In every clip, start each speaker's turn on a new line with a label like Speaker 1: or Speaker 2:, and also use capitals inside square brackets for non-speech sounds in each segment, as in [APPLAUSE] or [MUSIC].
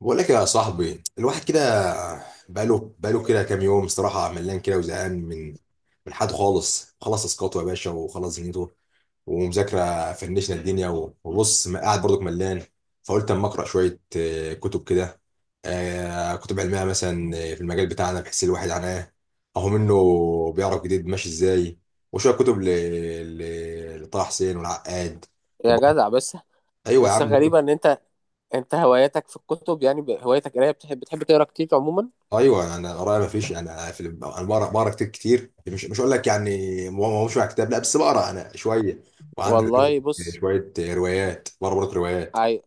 Speaker 1: بقول لك يا صاحبي الواحد كده بقاله كده كام يوم صراحة، ملان كده وزهقان من حد خالص. خلص اسقاطه يا باشا وخلص دنيته ومذاكرة، فنشنا الدنيا و- وبص، ما قاعد برضك ملان. فقلت اما اقرا شوية، كتب كده، كتب علمية مثلا، في المجال بتاعنا، بحيث الواحد عناه اهو منه بيعرف جديد ماشي ازاي. وشوية كتب لطه حسين والعقاد.
Speaker 2: يا
Speaker 1: وبرضه-
Speaker 2: جدع بس
Speaker 1: ايوه يا
Speaker 2: بس
Speaker 1: عم.
Speaker 2: غريبة ان انت هواياتك في الكتب، يعني هوايتك قرايه، بتحب تقرا كتير عموما؟
Speaker 1: ايوه، انا قرايه ما فيش يعني، انا بقرا كتير كتير، مش اقول لك يعني مش مع كتاب، لا بس بقرا انا شويه. وعندك
Speaker 2: والله بص،
Speaker 1: شويه روايات بقرا برضه، روايات.
Speaker 2: عي...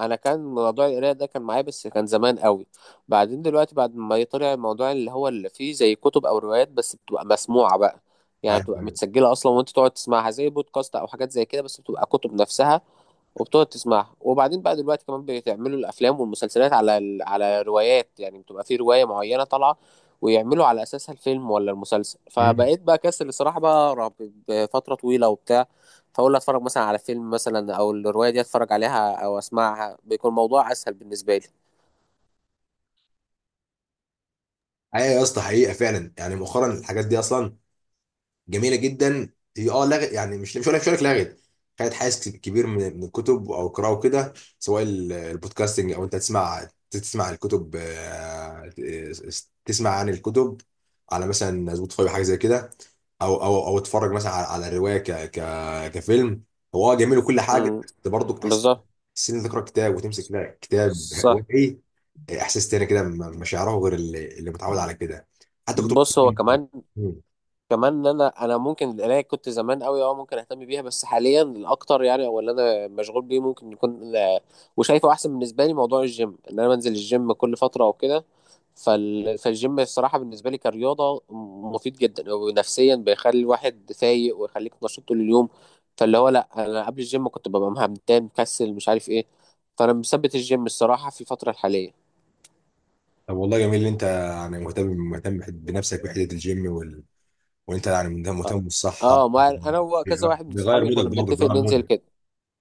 Speaker 2: انا كان موضوع القرايه ده كان معايا بس كان زمان قوي. بعدين دلوقتي بعد ما طلع الموضوع اللي هو اللي فيه زي كتب او روايات بس بتبقى مسموعه بقى، يعني
Speaker 1: ايوه
Speaker 2: بتبقى
Speaker 1: ايوه.
Speaker 2: متسجله اصلا وانت تقعد تسمعها زي بودكاست او حاجات زي كده بس بتبقى كتب نفسها، وبتقعد تسمعها. وبعدين بقى دلوقتي كمان بتعملوا الافلام والمسلسلات على على روايات، يعني بتبقى في روايه معينه طالعه ويعملوا على اساسها الفيلم ولا المسلسل،
Speaker 1: أمم.
Speaker 2: فبقيت بقى كسل الصراحه بقى أقرأ بفتره طويله وبتاع. فاقول اتفرج مثلا على فيلم مثلا او الروايه دي اتفرج عليها او اسمعها، بيكون الموضوع اسهل بالنسبه لي.
Speaker 1: أيوة يا اسطى، حقيقه فعلا. يعني مؤخرا الحاجات دي اصلا جميله جدا، هي لغت يعني، مش هقول لك لغت، خدت حيز كبير من الكتب او القراءه وكده. سواء البودكاستنج او انت تسمع الكتب، تسمع عن الكتب على مثلا سبوتيفاي، حاجه زي كده، او اتفرج مثلا على الروايه ك ك كفيلم. هو جميل وكل حاجه،
Speaker 2: امم،
Speaker 1: بس برضه احساس
Speaker 2: بالظبط،
Speaker 1: ان انت تقرا كتاب وتمسك، لا كتاب هو
Speaker 2: صح.
Speaker 1: ايه، احساس تاني كده مش هيعرفه غير اللي متعود على كده، حتى كتب.
Speaker 2: بص، هو كمان كمان ان انا ممكن القرايه كنت زمان قوي، اه ممكن اهتم بيها، بس حاليا الاكتر يعني او اللي انا مشغول بيه ممكن يكون وشايفه احسن بالنسبه لي موضوع الجيم، ان انا بنزل الجيم كل فتره او كده. فالجيم الصراحه بالنسبه لي كرياضه مفيد جدا، ونفسيا بيخلي الواحد فايق ويخليك نشيط طول اليوم. فاللي هو لا، انا قبل الجيم كنت ببقى مهمتان مكسل مش عارف ايه، فانا مثبت الجيم الصراحه في الفتره الحاليه.
Speaker 1: طب والله جميل ان انت يعني مهتم مهتم بنفسك بحته، الجيم وال... وانت يعني مهتم بالصحه.
Speaker 2: اه ما انا وكذا واحد من
Speaker 1: بيغير
Speaker 2: صحابي
Speaker 1: مودك
Speaker 2: كنا
Speaker 1: برضه
Speaker 2: بنتفق
Speaker 1: بيغير
Speaker 2: ننزل
Speaker 1: مودك،
Speaker 2: كده.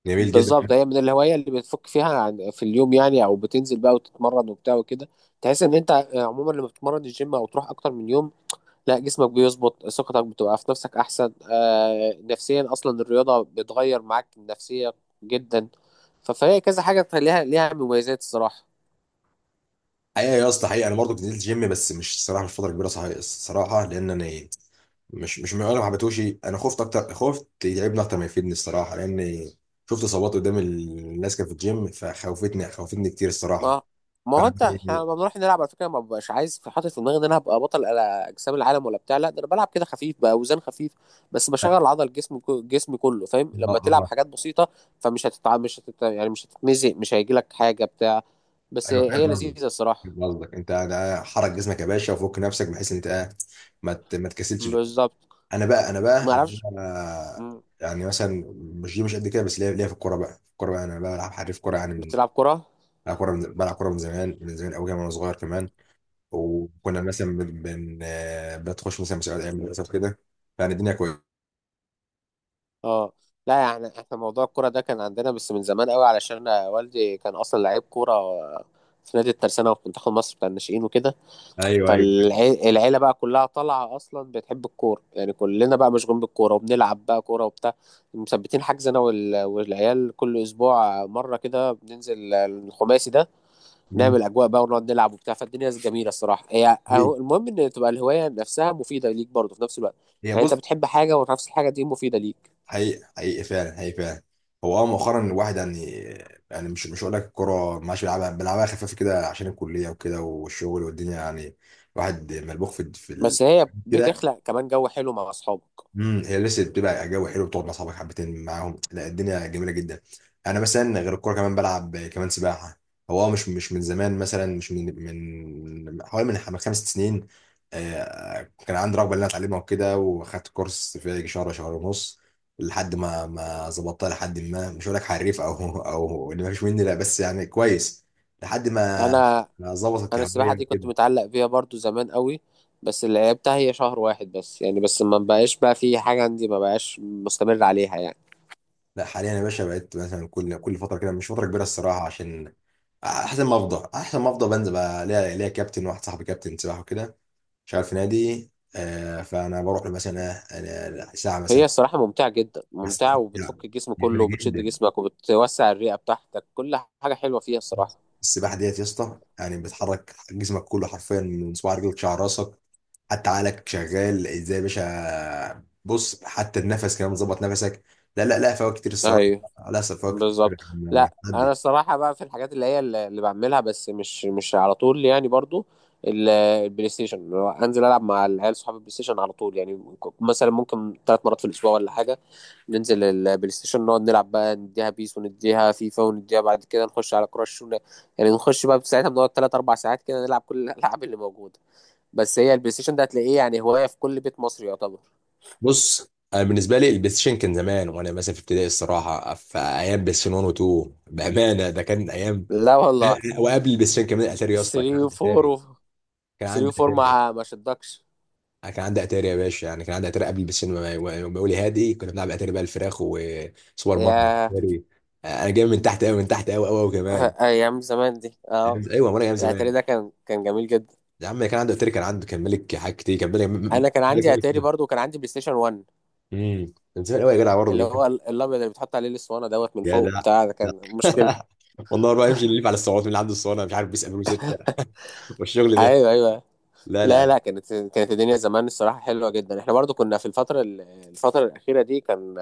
Speaker 1: جميل جدا.
Speaker 2: بالظبط، هي من الهواية اللي بتفك فيها عن في اليوم، يعني او بتنزل بقى وتتمرن وبتاع وكده. تحس ان انت آه، عموما لما بتتمرن الجيم او تروح اكتر من يوم لا، جسمك بيظبط، ثقتك بتبقى في نفسك احسن، آه نفسيا اصلا الرياضة بتغير معاك النفسية جدا. فهي كذا حاجة ليها مميزات الصراحة.
Speaker 1: حقيقه يا اسطى، حقيقه انا برضه كنت نزلت جيم، بس مش صراحه مش فتره كبيره، صحيح الصراحه، لان انا مش من، انا ما حبيتهوش، انا خفت اكتر، خفت يتعبني اكتر ما يفيدني الصراحه، لان شفت اصابات قدام الناس كانت في الجيم، فخوفتني خوفتني كتير الصراحه.
Speaker 2: ما ما
Speaker 1: ف...
Speaker 2: هو انت احنا لما بنروح نلعب على فكره ما ببقاش عايز في حاطط في دماغي ان انا هبقى بطل على اجسام العالم ولا بتاع، لا ده انا بلعب كده خفيف باوزان خفيف بس
Speaker 1: اه.
Speaker 2: بشغل عضل جسمي كله، فاهم؟ لما تلعب
Speaker 1: آه.
Speaker 2: حاجات بسيطه فمش هتتع مش هتت... يعني مش هتتمزق، مش هيجي لك حاجه بتاع، بس
Speaker 1: ايوه
Speaker 2: هي
Speaker 1: فاهم قصدك
Speaker 2: لذيذه الصراحه.
Speaker 1: فاهم قصدك انت ده، حرك جسمك يا باشا وفك نفسك، بحيث ان انت ما تكسلش بقى.
Speaker 2: بالظبط،
Speaker 1: انا بقى انا
Speaker 2: ما
Speaker 1: بقى انا
Speaker 2: اعرفش.
Speaker 1: بقى
Speaker 2: مم.
Speaker 1: يعني مثلا، مش دي مش قد كده، بس ليا في الكوره بقى انا بلعب حريف كوره يعني، من
Speaker 2: بتلعب كره؟
Speaker 1: بلعب كوره من زمان، من زمان قوي كمان، وانا صغير كمان. وكنا مثلا بتخش مثلا مسابقات ايام المدرسه وكده، يعني الدنيا كانت-
Speaker 2: اه لا، يعني احنا موضوع الكره ده كان عندنا بس من زمان قوي، علشان والدي كان اصلا لعيب كوره في نادي الترسانه وفي منتخب مصر بتاع الناشئين وكده.
Speaker 1: ايوه ايوه.
Speaker 2: فالعيلة بقى كلها طالعة أصلا بتحب الكورة، يعني كلنا بقى مشغولين بالكورة وبنلعب بقى كورة وبتاع. مثبتين حجز أنا والعيال كل أسبوع مرة كده بننزل الخماسي ده،
Speaker 1: مم.
Speaker 2: نعمل أجواء بقى ونقعد نلعب وبتاع. فالدنيا جميلة الصراحة، هي
Speaker 1: هي
Speaker 2: أهو المهم إن تبقى الهواية نفسها مفيدة ليك برضه في نفس الوقت،
Speaker 1: هي
Speaker 2: يعني أنت
Speaker 1: بص،
Speaker 2: بتحب حاجة ونفس الحاجة دي مفيدة ليك.
Speaker 1: حقيقي حقيقي فعلا، حقيقي فعلا. هو مؤخرا الواحد يعني، يعني مش هقول لك الكوره ما عادش بيلعبها خفيف كده، عشان الكليه وكده والشغل والدنيا يعني، الواحد ملبوخ في ال...
Speaker 2: بس هي
Speaker 1: كده.
Speaker 2: بتخلق كمان جو حلو مع أصحابك.
Speaker 1: امم، هي لسه بتبقى جو حلو، بتقعد مع اصحابك حبتين معاهم، لا الدنيا جميله جدا. انا مثلا غير الكوره كمان، بلعب كمان سباحه. هو مش من زمان مثلا، مش من حوالي خمس ست سنين، كان عندي رغبه ان انا اتعلمها وكده، واخدت كورس في يجي شهر، شهر ونص لحد ما ما ظبطتها، لحد ما، مش هقول لك حريف او او ان ما فيش مني، لا بس يعني كويس لحد ما
Speaker 2: أنا
Speaker 1: ما ظبطت
Speaker 2: انا
Speaker 1: الكهربية
Speaker 2: السباحه دي كنت
Speaker 1: وكده.
Speaker 2: متعلق بيها برضو زمان قوي، بس اللي لعبتها هي شهر واحد بس يعني، بس ما بقاش بقى في حاجه عندي، ما بقاش مستمر عليها يعني.
Speaker 1: لا حاليا يا باشا بقيت مثلا كل فتره كده، مش فتره كبيره الصراحه، عشان احسن ما افضى بنزل بقى. ليا كابتن، واحد صاحبي كابتن سباحه وكده، شغال في نادي، فانا بروح له مثلا ساعه مثلا.
Speaker 2: هي الصراحه ممتعه جدا،
Speaker 1: بس، لا
Speaker 2: ممتعه وبتفك الجسم
Speaker 1: جامد
Speaker 2: كله وبتشد
Speaker 1: جدا.
Speaker 2: جسمك وبتوسع الرئه بتاعتك، كل حاجه حلوه فيها الصراحه.
Speaker 1: السباحه ديت يا اسطى يعني بتحرك جسمك كله حرفيا، من صباع رجلك شعر راسك، حتى عقلك شغال ازاي يا باشا بص، حتى النفس كمان ظبط نفسك. لا لا لا، فوائد كتير الصراحه.
Speaker 2: ايوه،
Speaker 1: لا فوائد كتير.
Speaker 2: بالظبط.
Speaker 1: يعني
Speaker 2: لا انا الصراحه بقى في الحاجات اللي هي اللي بعملها، بس مش على طول يعني برضو البلاي ستيشن، اللي هو انزل العب مع العيال صحابي البلاي ستيشن على طول يعني، مثلا ممكن ثلاث مرات في الاسبوع ولا حاجه. ننزل البلاي ستيشن نقعد نلعب بقى، نديها بيس ونديها فيفا ونديها بعد كده نخش على كراش يعني نخش بقى ساعتها، بنقعد تلات أربع ساعات كده نلعب كل الألعاب اللي موجودة. بس هي البلاي ستيشن ده هتلاقيه يعني هواية في كل بيت مصري يعتبر.
Speaker 1: بص. انا بالنسبه لي البلاي ستيشن كان زمان، وانا مثلا في ابتدائي الصراحه، في ايام بلاي ستيشن 1 و2 بامانه، ده كان ايام.
Speaker 2: لا والله.
Speaker 1: وقبل البلاي ستيشن كمان اتاري يا اسطى، كان
Speaker 2: 3
Speaker 1: عندي
Speaker 2: و4
Speaker 1: اتاري،
Speaker 2: و
Speaker 1: كان
Speaker 2: 3
Speaker 1: عندي
Speaker 2: و4،
Speaker 1: اتاري.
Speaker 2: ما شدكش
Speaker 1: أنا كان عندي اتاري يا باشا، يعني كان عندي اتاري قبل البلاي ستيشن، ما يقول لي هادي. كنا بنلعب اتاري بقى، الفراخ وسوبر ماريو
Speaker 2: يا
Speaker 1: اتاري. انا جاي من تحت قوي، من تحت قوي قوي قوي كمان.
Speaker 2: [LAUGHS] أيام زمان دي، اه.
Speaker 1: ايوه، وانا ايام
Speaker 2: الأتاري
Speaker 1: زمان.
Speaker 2: ده كان جميل جدا.
Speaker 1: يا عم كان عنده اتاري، كان عنده، كان ملك حاجات كتير، كان ملك،
Speaker 2: أنا كان
Speaker 1: ملك
Speaker 2: عندي أتاري
Speaker 1: ملك.
Speaker 2: برضو وكان عندي بلاي ستيشن 1،
Speaker 1: امم، كان زمان قوي يا جدع، برضه
Speaker 2: اللي
Speaker 1: يا جدع.
Speaker 2: هو الأبيض اللي بتحط عليه الأسطوانة دوت من
Speaker 1: يا
Speaker 2: فوق
Speaker 1: جدع.
Speaker 2: بتاع، ده كان مشكلة.
Speaker 1: [LAUGHS] والله بقى يمشي يلف على الصعود، من اللي عنده الصالة، مش عارف بيسأل ستة والشغل ده.
Speaker 2: أيوه أيوه.
Speaker 1: لا لا
Speaker 2: لا
Speaker 1: لا.
Speaker 2: لا، كانت الدنيا زمان الصراحة حلوة جدا. احنا برضو كنا في الفترة الفترة الأخيرة دي كان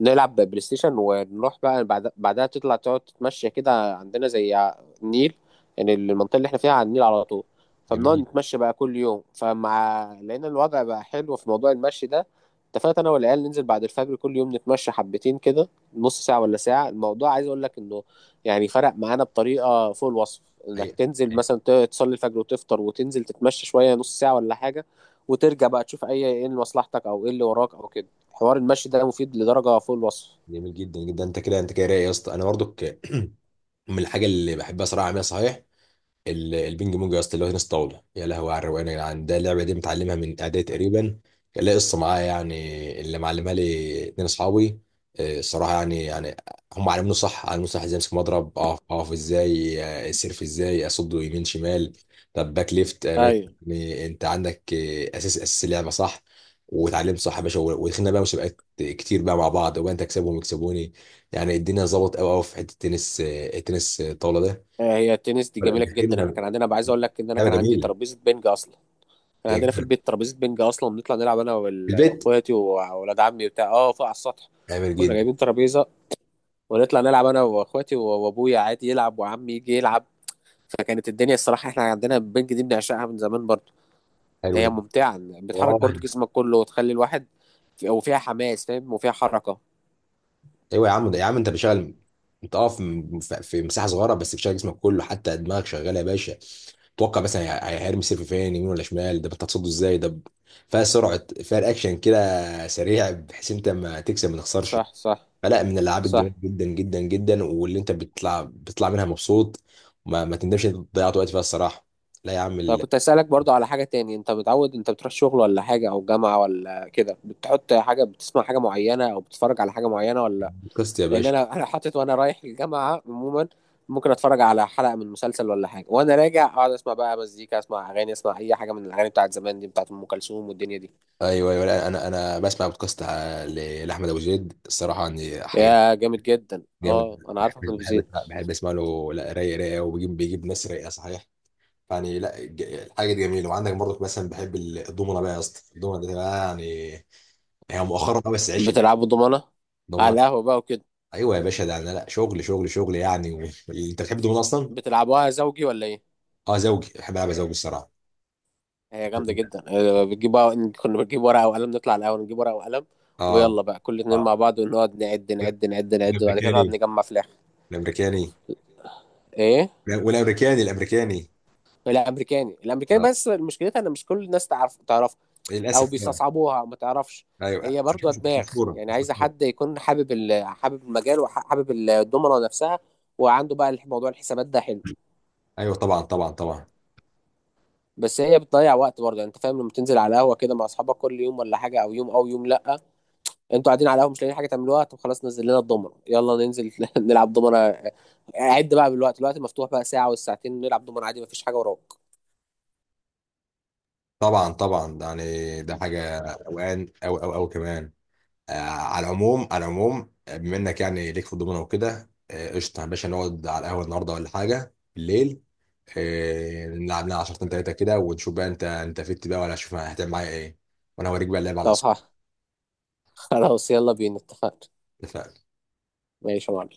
Speaker 2: نلعب بلاي ستيشن ونروح بقى بعدها تطلع تقعد تتمشى كده عندنا زي النيل، يعني المنطقة اللي احنا فيها على النيل على طول. فبنقعد
Speaker 1: جميل
Speaker 2: نتمشى بقى كل يوم، فمع لقينا الوضع بقى حلو في موضوع المشي ده، اتفقت انا والعيال ننزل بعد الفجر كل يوم نتمشى حبتين كده، نص ساعة ولا ساعة. الموضوع عايز اقول لك انه يعني فرق معانا بطريقة فوق الوصف. انك
Speaker 1: حقيقة،
Speaker 2: تنزل مثلا تصلي الفجر وتفطر وتنزل تتمشى شوية، نص ساعة ولا حاجة، وترجع بقى تشوف ايه اللي مصلحتك او ايه اللي وراك او كده. حوار المشي ده مفيد لدرجه فوق الوصف.
Speaker 1: جميل جدا جدا. انت كده، انت كده رايق يا اسطى. انا برضك [CLEARS THROAT] من الحاجه اللي بحبها صراحه اعملها، صحيح البينج بونج يا اسطى، اللي هو تنس طاوله، يا لهوي على الروقان يا جدعان. ده اللعبه دي متعلمها من اعدادي تقريبا. كان ليا قصه معايا يعني، اللي معلمها لي اتنين اصحابي. الصراحه يعني هم علموني صح، علموني صح ازاي امسك مضرب، اقف اقف ازاي، سيرف ازاي، اصده يمين شمال، طب باك ليفت، باك.
Speaker 2: ايوه،
Speaker 1: يعني انت عندك اساس، اساس اللعبه صح، واتعلمت صح يا باشا، و- ودخلنا بقى مسابقات كتير بقى مع بعض، وانت تكسبهم ويكسبوني. يعني الدنيا ظبطت قوي قوي في حته التنس، التنس الطاوله ده.
Speaker 2: آه، هي التنس دي
Speaker 1: لا
Speaker 2: جميله جدا. احنا
Speaker 1: دخلنا،
Speaker 2: كان عندنا بقى، عايز اقول لك ان انا
Speaker 1: لعبه
Speaker 2: كان عندي
Speaker 1: جميله.
Speaker 2: ترابيزه بنج اصلا، كان
Speaker 1: يا
Speaker 2: عندنا في
Speaker 1: جدع،
Speaker 2: البيت ترابيزه بنج اصلا، بنطلع نلعب انا
Speaker 1: في البيت،
Speaker 2: واخواتي واولاد عمي بتاع اه، فوق على السطح.
Speaker 1: جميل
Speaker 2: كنا
Speaker 1: جدا.
Speaker 2: جايبين ترابيزه ونطلع نلعب انا واخواتي وابويا عادي يلعب وعمي يجي يلعب. فكانت الدنيا الصراحه احنا عندنا البنج دي بنعشقها من زمان برضو.
Speaker 1: حلو
Speaker 2: هي
Speaker 1: ده.
Speaker 2: ممتعه، بتحرك
Speaker 1: اه.
Speaker 2: برضو جسمك كله وتخلي الواحد، وفيها حماس، فاهم؟ وفيها حركه.
Speaker 1: ايوه يا عم، ده يا عم انت بتشتغل انت، في مساحه صغيره، بس بتشغل جسمك كله، حتى دماغك شغاله يا باشا. توقع مثلا هيرمي السيف فين، يمين ولا شمال، ده انت هتصده ازاي، فيها سرعه، فيها الاكشن كده، سريع، بحيث انت ما تكسب ما تخسرش.
Speaker 2: صح، صح،
Speaker 1: فلا، من الالعاب الجميله
Speaker 2: صح.
Speaker 1: جدا جدا جدا، واللي انت بتطلع منها مبسوط، ما تندمش إن انت ضيعت وقت فيها الصراحه. لا يا عم.
Speaker 2: انا كنت اسالك برضو على حاجه تاني، انت متعود انت بتروح شغل ولا حاجه او جامعه ولا كده بتحط حاجه بتسمع حاجه معينه او بتتفرج على حاجه معينه ولا لأ؟
Speaker 1: البودكاست يا
Speaker 2: لان
Speaker 1: باشا.
Speaker 2: انا انا حاطط وانا رايح الجامعه عموما ممكن اتفرج على حلقه من مسلسل ولا حاجه، وانا راجع اقعد اسمع بقى مزيكا، اسمع اغاني، اسمع اي حاجه من الاغاني بتاعت زمان دي بتاعت ام كلثوم والدنيا دي.
Speaker 1: ايوه ايوه، لا، انا بسمع بودكاست لاحمد ابو زيد الصراحه، يعني حاجه
Speaker 2: يا جامد جدا،
Speaker 1: جامد.
Speaker 2: اه انا عارف احمد أبو زيد.
Speaker 1: بحب اسمع له، لا رايق رايق، وبيجيب ناس رايقه صحيح. يعني لا الحاجه دي جميله. وعندك برضك مثلا بحب الضمنه بقى يا اسطى، الضمنه دي بقى يعني، هي مؤخرا قوي بس، عيش.
Speaker 2: بتلعبوا ضمانه على
Speaker 1: الضمنه،
Speaker 2: القهوه بقى وكده؟
Speaker 1: ايوه يا باشا، ده انا لا شغل شغل شغل يعني و... انت بتحب الضمنه اصلا؟
Speaker 2: بتلعبوها زوجي ولا ايه؟
Speaker 1: اه زوجي، بحب العب زوجي الصراحه.
Speaker 2: هي جامدة جدا آه، بتجيب كنا بنجيب ورقة وقلم، نطلع الأول نجيب ورقة وقلم
Speaker 1: اه
Speaker 2: ويلا بقى كل اتنين
Speaker 1: اه،
Speaker 2: مع بعض ونقعد نعد نعد نعد نعد، وبعد كده نقعد
Speaker 1: الامريكاني
Speaker 2: نجمع في الآخر.
Speaker 1: الامريكاني.
Speaker 2: إيه؟
Speaker 1: والامريكاني الامريكاني.
Speaker 2: الأمريكاني.
Speaker 1: آه.
Speaker 2: بس مشكلتها إن مش كل الناس تعرف تعرفها، أو
Speaker 1: للاسف آه.
Speaker 2: بيستصعبوها أو ما تعرفش.
Speaker 1: ايوه،
Speaker 2: هي برضو
Speaker 1: مش
Speaker 2: دماغ،
Speaker 1: مشهوره
Speaker 2: يعني
Speaker 1: مش
Speaker 2: عايزة
Speaker 1: مشهوره
Speaker 2: حد يكون حابب حابب المجال وحابب الدومنة نفسها، وعنده بقى موضوع الحسابات ده حلو.
Speaker 1: ايوه طبعا طبعا طبعا،
Speaker 2: بس هي بتضيع وقت برضه يعني، انت فاهم لما تنزل على القهوة كده مع أصحابك كل يوم ولا حاجة، أو يوم أو يوم لأ، انتوا قاعدين على القهوه مش لاقيين حاجه تعملوها، طب خلاص نزل لنا الضمنه، يلا ننزل [LAUGHS] نلعب ضمنه. عد بقى بالوقت، الوقت مفتوح بقى ساعه والساعتين نلعب ضمنه عادي، مفيش حاجه وراك.
Speaker 1: طبعا طبعا. ده يعني ده حاجه اوان او كمان. آه على العموم، على العموم، بما انك يعني ليك في الضمنه وكده، قشطه يا باشا، نقعد على القهوه النهارده ولا حاجه بالليل، آه نلعب لنا 10 تلاته كده، ونشوف بقى انت فت بقى، ولا شوف هتعمل معايا ايه، وانا هوريك بقى اللعب على
Speaker 2: طب
Speaker 1: الاصل.
Speaker 2: [LAUGHS] خلاص يلا بينا، اتفقنا.
Speaker 1: اتفقنا.
Speaker 2: ماشي يا معلم.